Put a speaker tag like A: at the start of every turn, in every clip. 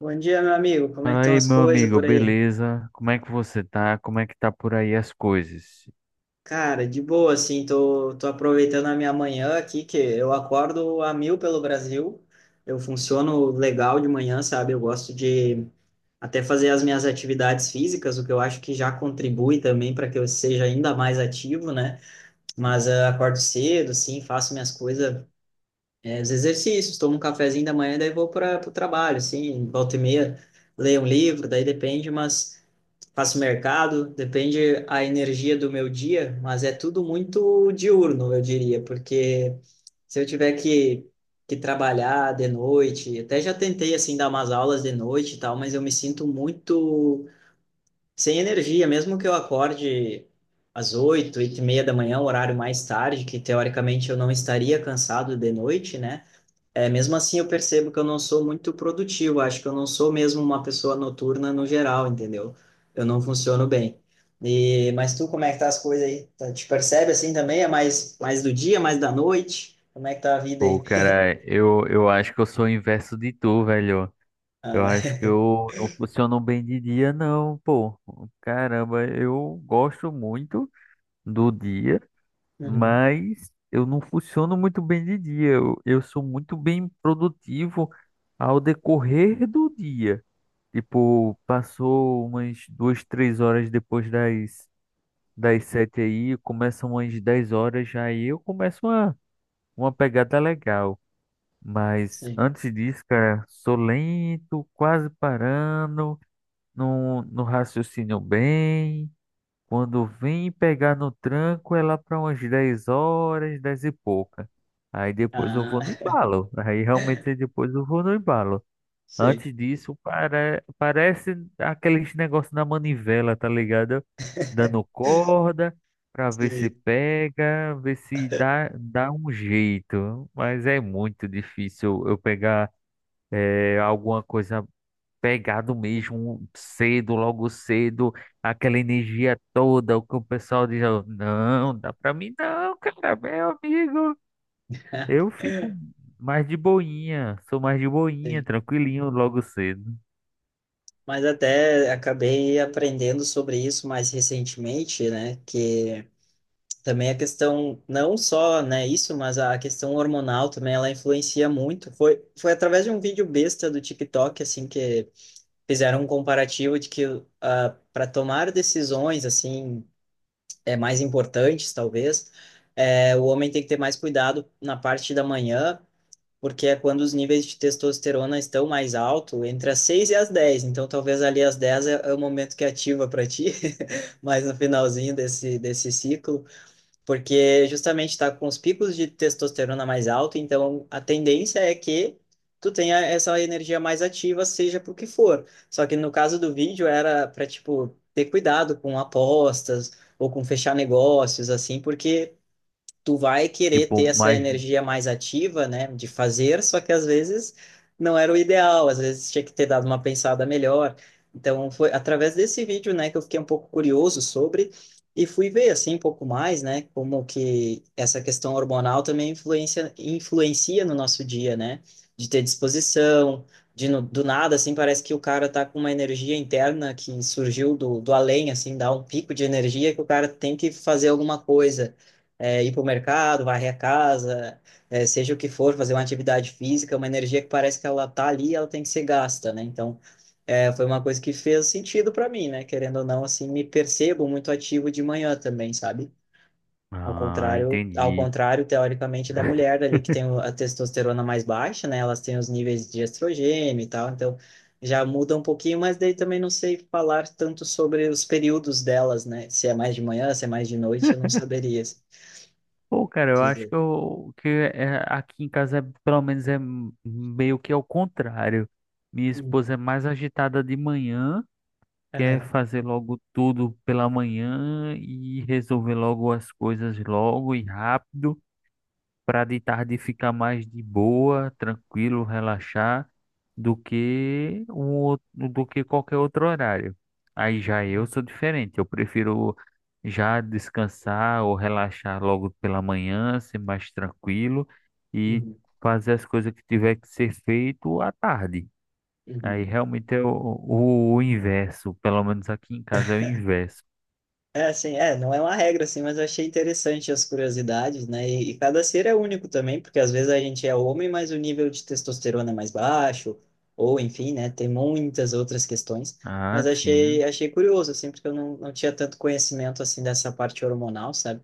A: Bom dia, meu amigo. Como é que
B: Fala
A: estão
B: aí,
A: as
B: meu
A: coisas
B: amigo,
A: por aí?
B: beleza? Como é que você tá? Como é que tá por aí as coisas?
A: Cara, de boa, assim, tô aproveitando a minha manhã aqui, que eu acordo a mil pelo Brasil. Eu funciono legal de manhã, sabe? Eu gosto de até fazer as minhas atividades físicas, o que eu acho que já contribui também para que eu seja ainda mais ativo, né? Mas acordo cedo, sim, faço minhas coisas, os exercícios, tomo um cafezinho da manhã, daí vou para o trabalho, assim, volta e meia, leio um livro, daí depende, faço mercado, depende a energia do meu dia, mas é tudo muito diurno, eu diria, porque se eu tiver que trabalhar de noite, até já tentei assim dar umas aulas de noite e tal, mas eu me sinto muito sem energia, mesmo que eu acorde às 8, 8h30 da manhã, um horário mais tarde, que teoricamente eu não estaria cansado de noite, né? É, mesmo assim, eu percebo que eu não sou muito produtivo. Acho que eu não sou mesmo uma pessoa noturna no geral, entendeu? Eu não funciono bem. Mas tu, como é que tá as coisas aí? Te percebe assim também? É mais, mais do dia, mais da noite? Como é que tá a vida
B: Pô,
A: aí?
B: cara, eu acho que eu sou o inverso de tu, velho. Eu
A: Ah,
B: acho que eu não funciono bem de dia, não, pô. Caramba, eu gosto muito do dia,
A: uhum,
B: mas eu não funciono muito bem de dia. Eu sou muito bem produtivo ao decorrer do dia. Tipo, passou umas 2, 3 horas depois das 7 aí, começa umas 10 horas, já aí eu começo uma pegada legal. Mas
A: sim.
B: antes disso, cara, sou lento, quase parando, não, não raciocino bem. Quando vem pegar no tranco, é lá para umas 10 horas, 10 e pouca. Aí depois eu
A: Ah,
B: vou no embalo. Aí realmente depois eu vou no embalo.
A: sim.
B: Antes disso, parece aqueles negócios na manivela, tá ligado? Dando corda pra ver se
A: Sim,
B: pega, ver se dá um jeito. Mas é muito difícil eu pegar alguma coisa pegado mesmo, cedo, logo cedo, aquela energia toda, o que o pessoal diz, ó, não, dá pra mim não, cara, meu amigo. Eu fico mais de boinha, sou mais de boinha,
A: sim.
B: tranquilinho logo cedo.
A: Mas até acabei aprendendo sobre isso mais recentemente, né? Que também a questão, não só, né, isso, mas a questão hormonal também, ela influencia muito. Foi através de um vídeo besta do TikTok, assim, que fizeram um comparativo de que para tomar decisões, assim, é, mais importantes, talvez, é, o homem tem que ter mais cuidado na parte da manhã, porque é quando os níveis de testosterona estão mais alto, entre as 6 e as 10. Então, talvez ali às 10 é, é o momento que ativa para ti, mais no finalzinho desse ciclo, porque justamente está com os picos de testosterona mais alto, então a tendência é que tu tenha essa energia mais ativa, seja por que for. Só que no caso do vídeo era para tipo ter cuidado com apostas ou com fechar negócios assim, porque tu vai querer ter
B: Tipo,
A: essa
B: mas.
A: energia mais ativa, né, de fazer, só que às vezes não era o ideal, às vezes tinha que ter dado uma pensada melhor. Então foi através desse vídeo, né, que eu fiquei um pouco curioso sobre e fui ver assim um pouco mais, né, como que essa questão hormonal também influencia no nosso dia, né, de ter disposição, de do nada assim parece que o cara tá com uma energia interna que surgiu do além, assim, dá um pico de energia que o cara tem que fazer alguma coisa, é, ir para o mercado, varrer a casa, é, seja o que for, fazer uma atividade física, uma energia que parece que ela tá ali, ela tem que ser gasta, né? Então, é, foi uma coisa que fez sentido para mim, né? Querendo ou não, assim, me percebo muito ativo de manhã também, sabe?
B: Ah,
A: Ao
B: entendi.
A: contrário, teoricamente, da mulher ali que tem a testosterona mais baixa, né? Elas têm os níveis de estrogênio e tal, então já muda um pouquinho, mas daí também não sei falar tanto sobre os períodos delas, né? Se é mais de manhã, se é mais de noite, eu não saberia
B: Pô, cara, eu acho
A: dizer.
B: que, aqui em casa, pelo menos, meio que ao contrário. Minha
A: Hum,
B: esposa é mais agitada de manhã, quer
A: aham,
B: fazer logo tudo pela manhã e resolver logo as coisas logo e rápido. Para de tarde ficar mais de boa, tranquilo, relaxar, do que do que qualquer outro horário. Aí já eu
A: uhum,
B: sou diferente, eu prefiro já descansar ou relaxar logo pela manhã, ser mais tranquilo e
A: uhum,
B: fazer as coisas que tiver que ser feito à tarde. Aí
A: uhum.
B: realmente é o inverso, pelo menos aqui em casa é o inverso.
A: É assim, é, não é uma regra assim, mas eu achei interessante as curiosidades, né? E cada ser é único também, porque às vezes a gente é homem, mas o nível de testosterona é mais baixo, ou enfim, né? Tem muitas outras questões,
B: Ah,
A: mas
B: sim.
A: achei curioso assim, porque eu não, não tinha tanto conhecimento assim dessa parte hormonal, sabe?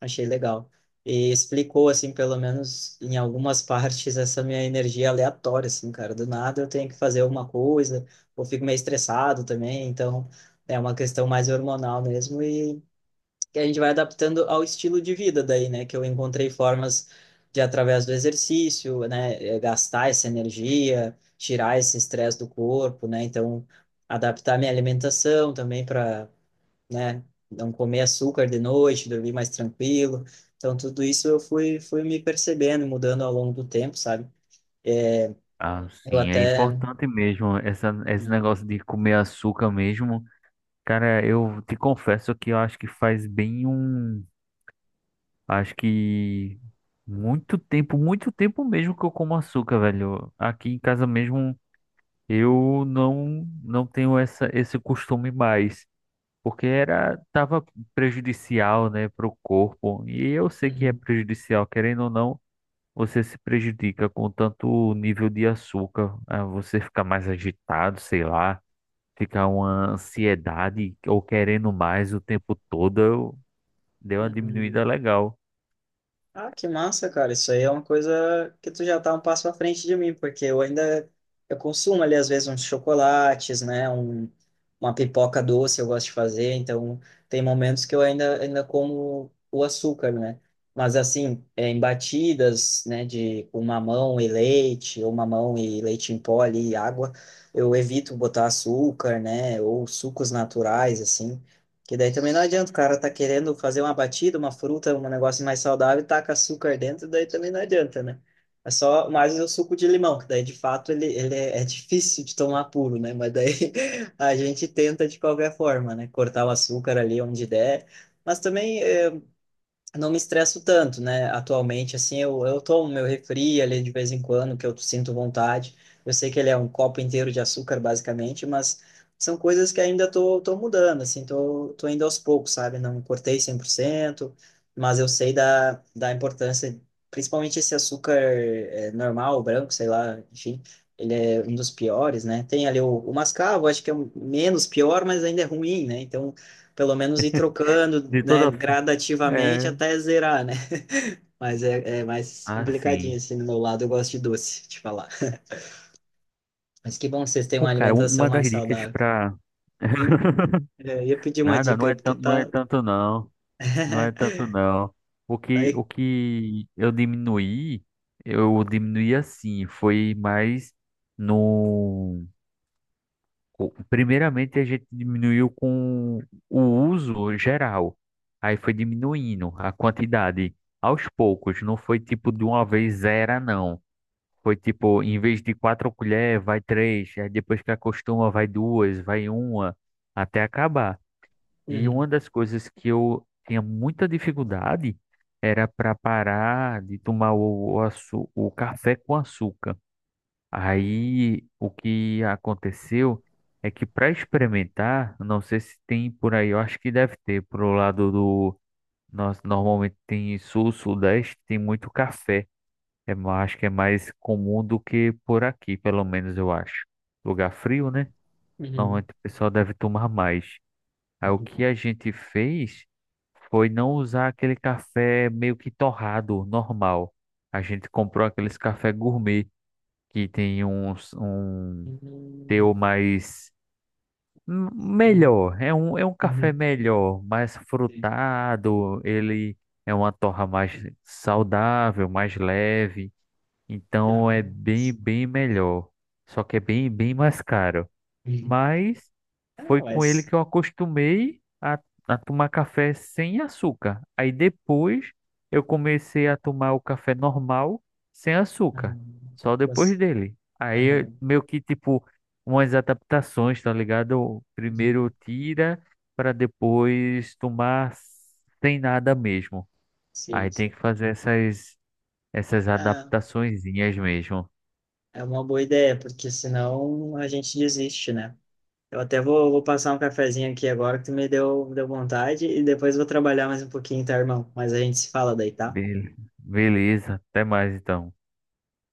A: Achei legal. E explicou, assim, pelo menos em algumas partes, essa minha energia aleatória, assim, cara. Do nada eu tenho que fazer alguma coisa, ou fico meio estressado também. Então, é uma questão mais hormonal mesmo. E que a gente vai adaptando ao estilo de vida daí, né? Que eu encontrei formas de, através do exercício, né? Gastar essa energia, tirar esse estresse do corpo, né? Então, adaptar minha alimentação também para, né? Não comer açúcar de noite, dormir mais tranquilo. Então, tudo isso eu fui me percebendo, mudando ao longo do tempo, sabe?
B: Ah,
A: Eu
B: sim, é
A: até.
B: importante mesmo essa, esse
A: Uhum.
B: negócio de comer açúcar mesmo. Cara, eu te confesso que eu acho que faz bem um. Acho que muito tempo mesmo que eu como açúcar, velho. Aqui em casa mesmo eu não tenho essa, esse costume mais, porque era tava prejudicial, né, pro corpo. E eu sei que é prejudicial, querendo ou não. Você se prejudica com tanto nível de açúcar, ah, você fica mais agitado, sei lá, fica uma ansiedade ou querendo mais o tempo todo, deu uma diminuída
A: Uhum.
B: legal.
A: Ah, que massa, cara. Isso aí é uma coisa que tu já tá um passo à frente de mim, porque eu ainda eu consumo ali às vezes uns chocolates, né, um, uma pipoca doce eu gosto de fazer, então tem momentos que eu ainda como o açúcar, né? Mas assim, é, em batidas, né, de com mamão e leite, ou mamão e leite em pó ali, e água, eu evito botar açúcar, né, ou sucos naturais assim. Que daí também não adianta, o cara tá querendo fazer uma batida, uma fruta, um negócio mais saudável, e taca açúcar dentro, daí também não adianta, né? É só mais o suco de limão, que daí de fato ele é difícil de tomar puro, né? Mas daí a gente tenta de qualquer forma, né? Cortar o açúcar ali onde der. Mas também não me estresso tanto, né? Atualmente, assim, eu tomo meu refri ali de vez em quando, que eu sinto vontade. Eu sei que ele é um copo inteiro de açúcar, basicamente, mas são coisas que ainda tô mudando, assim, tô indo aos poucos, sabe? Não cortei 100%, mas eu sei da importância, principalmente esse açúcar normal, branco, sei lá, enfim, ele é um dos piores, né? Tem ali o mascavo, acho que é o menos pior, mas ainda é ruim, né? Então, pelo menos ir trocando,
B: De
A: né,
B: toda forma,
A: gradativamente
B: é,
A: até zerar, né? Mas é, é mais complicadinho,
B: assim.
A: assim, do meu lado eu gosto de doce, te falar. Mas que bom que vocês têm
B: Pô,
A: uma
B: cara,
A: alimentação
B: uma das
A: mais
B: dicas
A: saudável.
B: para
A: Hum, é, eu ia pedir uma
B: nada, não
A: dica aí,
B: é
A: porque
B: tanto, não é
A: tá...
B: tanto não, não é tanto não. O que o
A: aí...
B: que eu diminuí, assim, foi mais no co- primeiramente, a gente diminuiu com o uso geral. Aí foi diminuindo a quantidade aos poucos. Não foi tipo de uma vez zero, não. Foi tipo, em vez de quatro colheres, vai três. Aí depois que acostuma, vai duas, vai uma, até acabar. E
A: Uhum,
B: uma das coisas que eu tinha muita dificuldade era para parar de tomar o café com açúcar. Aí o que aconteceu é que para experimentar, não sei se tem por aí, eu acho que deve ter pro lado do nós normalmente tem sul, sudeste, tem muito café. É, acho que é mais comum do que por aqui, pelo menos eu acho. Lugar frio, né?
A: uhum,
B: Normalmente o pessoal deve tomar mais. Aí o
A: uhum,
B: que a gente fez foi não usar aquele café meio que torrado, normal. A gente comprou aqueles café gourmet que tem uns, um
A: uhum,
B: teu mais
A: uhum,
B: melhor, é um café
A: uhum,
B: melhor, mais
A: sim.
B: frutado, ele é uma torra mais saudável, mais leve,
A: Ah,
B: então é bem,
A: mas...
B: bem melhor. Só que é bem, bem mais caro.
A: Uhum.
B: Mas
A: Ah,
B: foi com ele
A: mas...
B: que eu acostumei a tomar café sem açúcar. Aí depois eu comecei a tomar o café normal sem
A: ah,
B: açúcar, só depois
A: mas-
B: dele. Aí
A: aham,
B: meio que tipo umas adaptações, tá ligado? Primeiro
A: uhum,
B: tira para depois tomar sem nada mesmo. Aí
A: sim,
B: tem
A: sim.
B: que fazer essas
A: Ah,
B: adaptaçõezinhas mesmo.
A: é uma boa ideia, porque senão a gente desiste, né? Eu até vou passar um cafezinho aqui agora que tu me deu vontade e depois vou trabalhar mais um pouquinho, tá, irmão? Mas a gente se fala daí, tá?
B: Beleza, até mais então.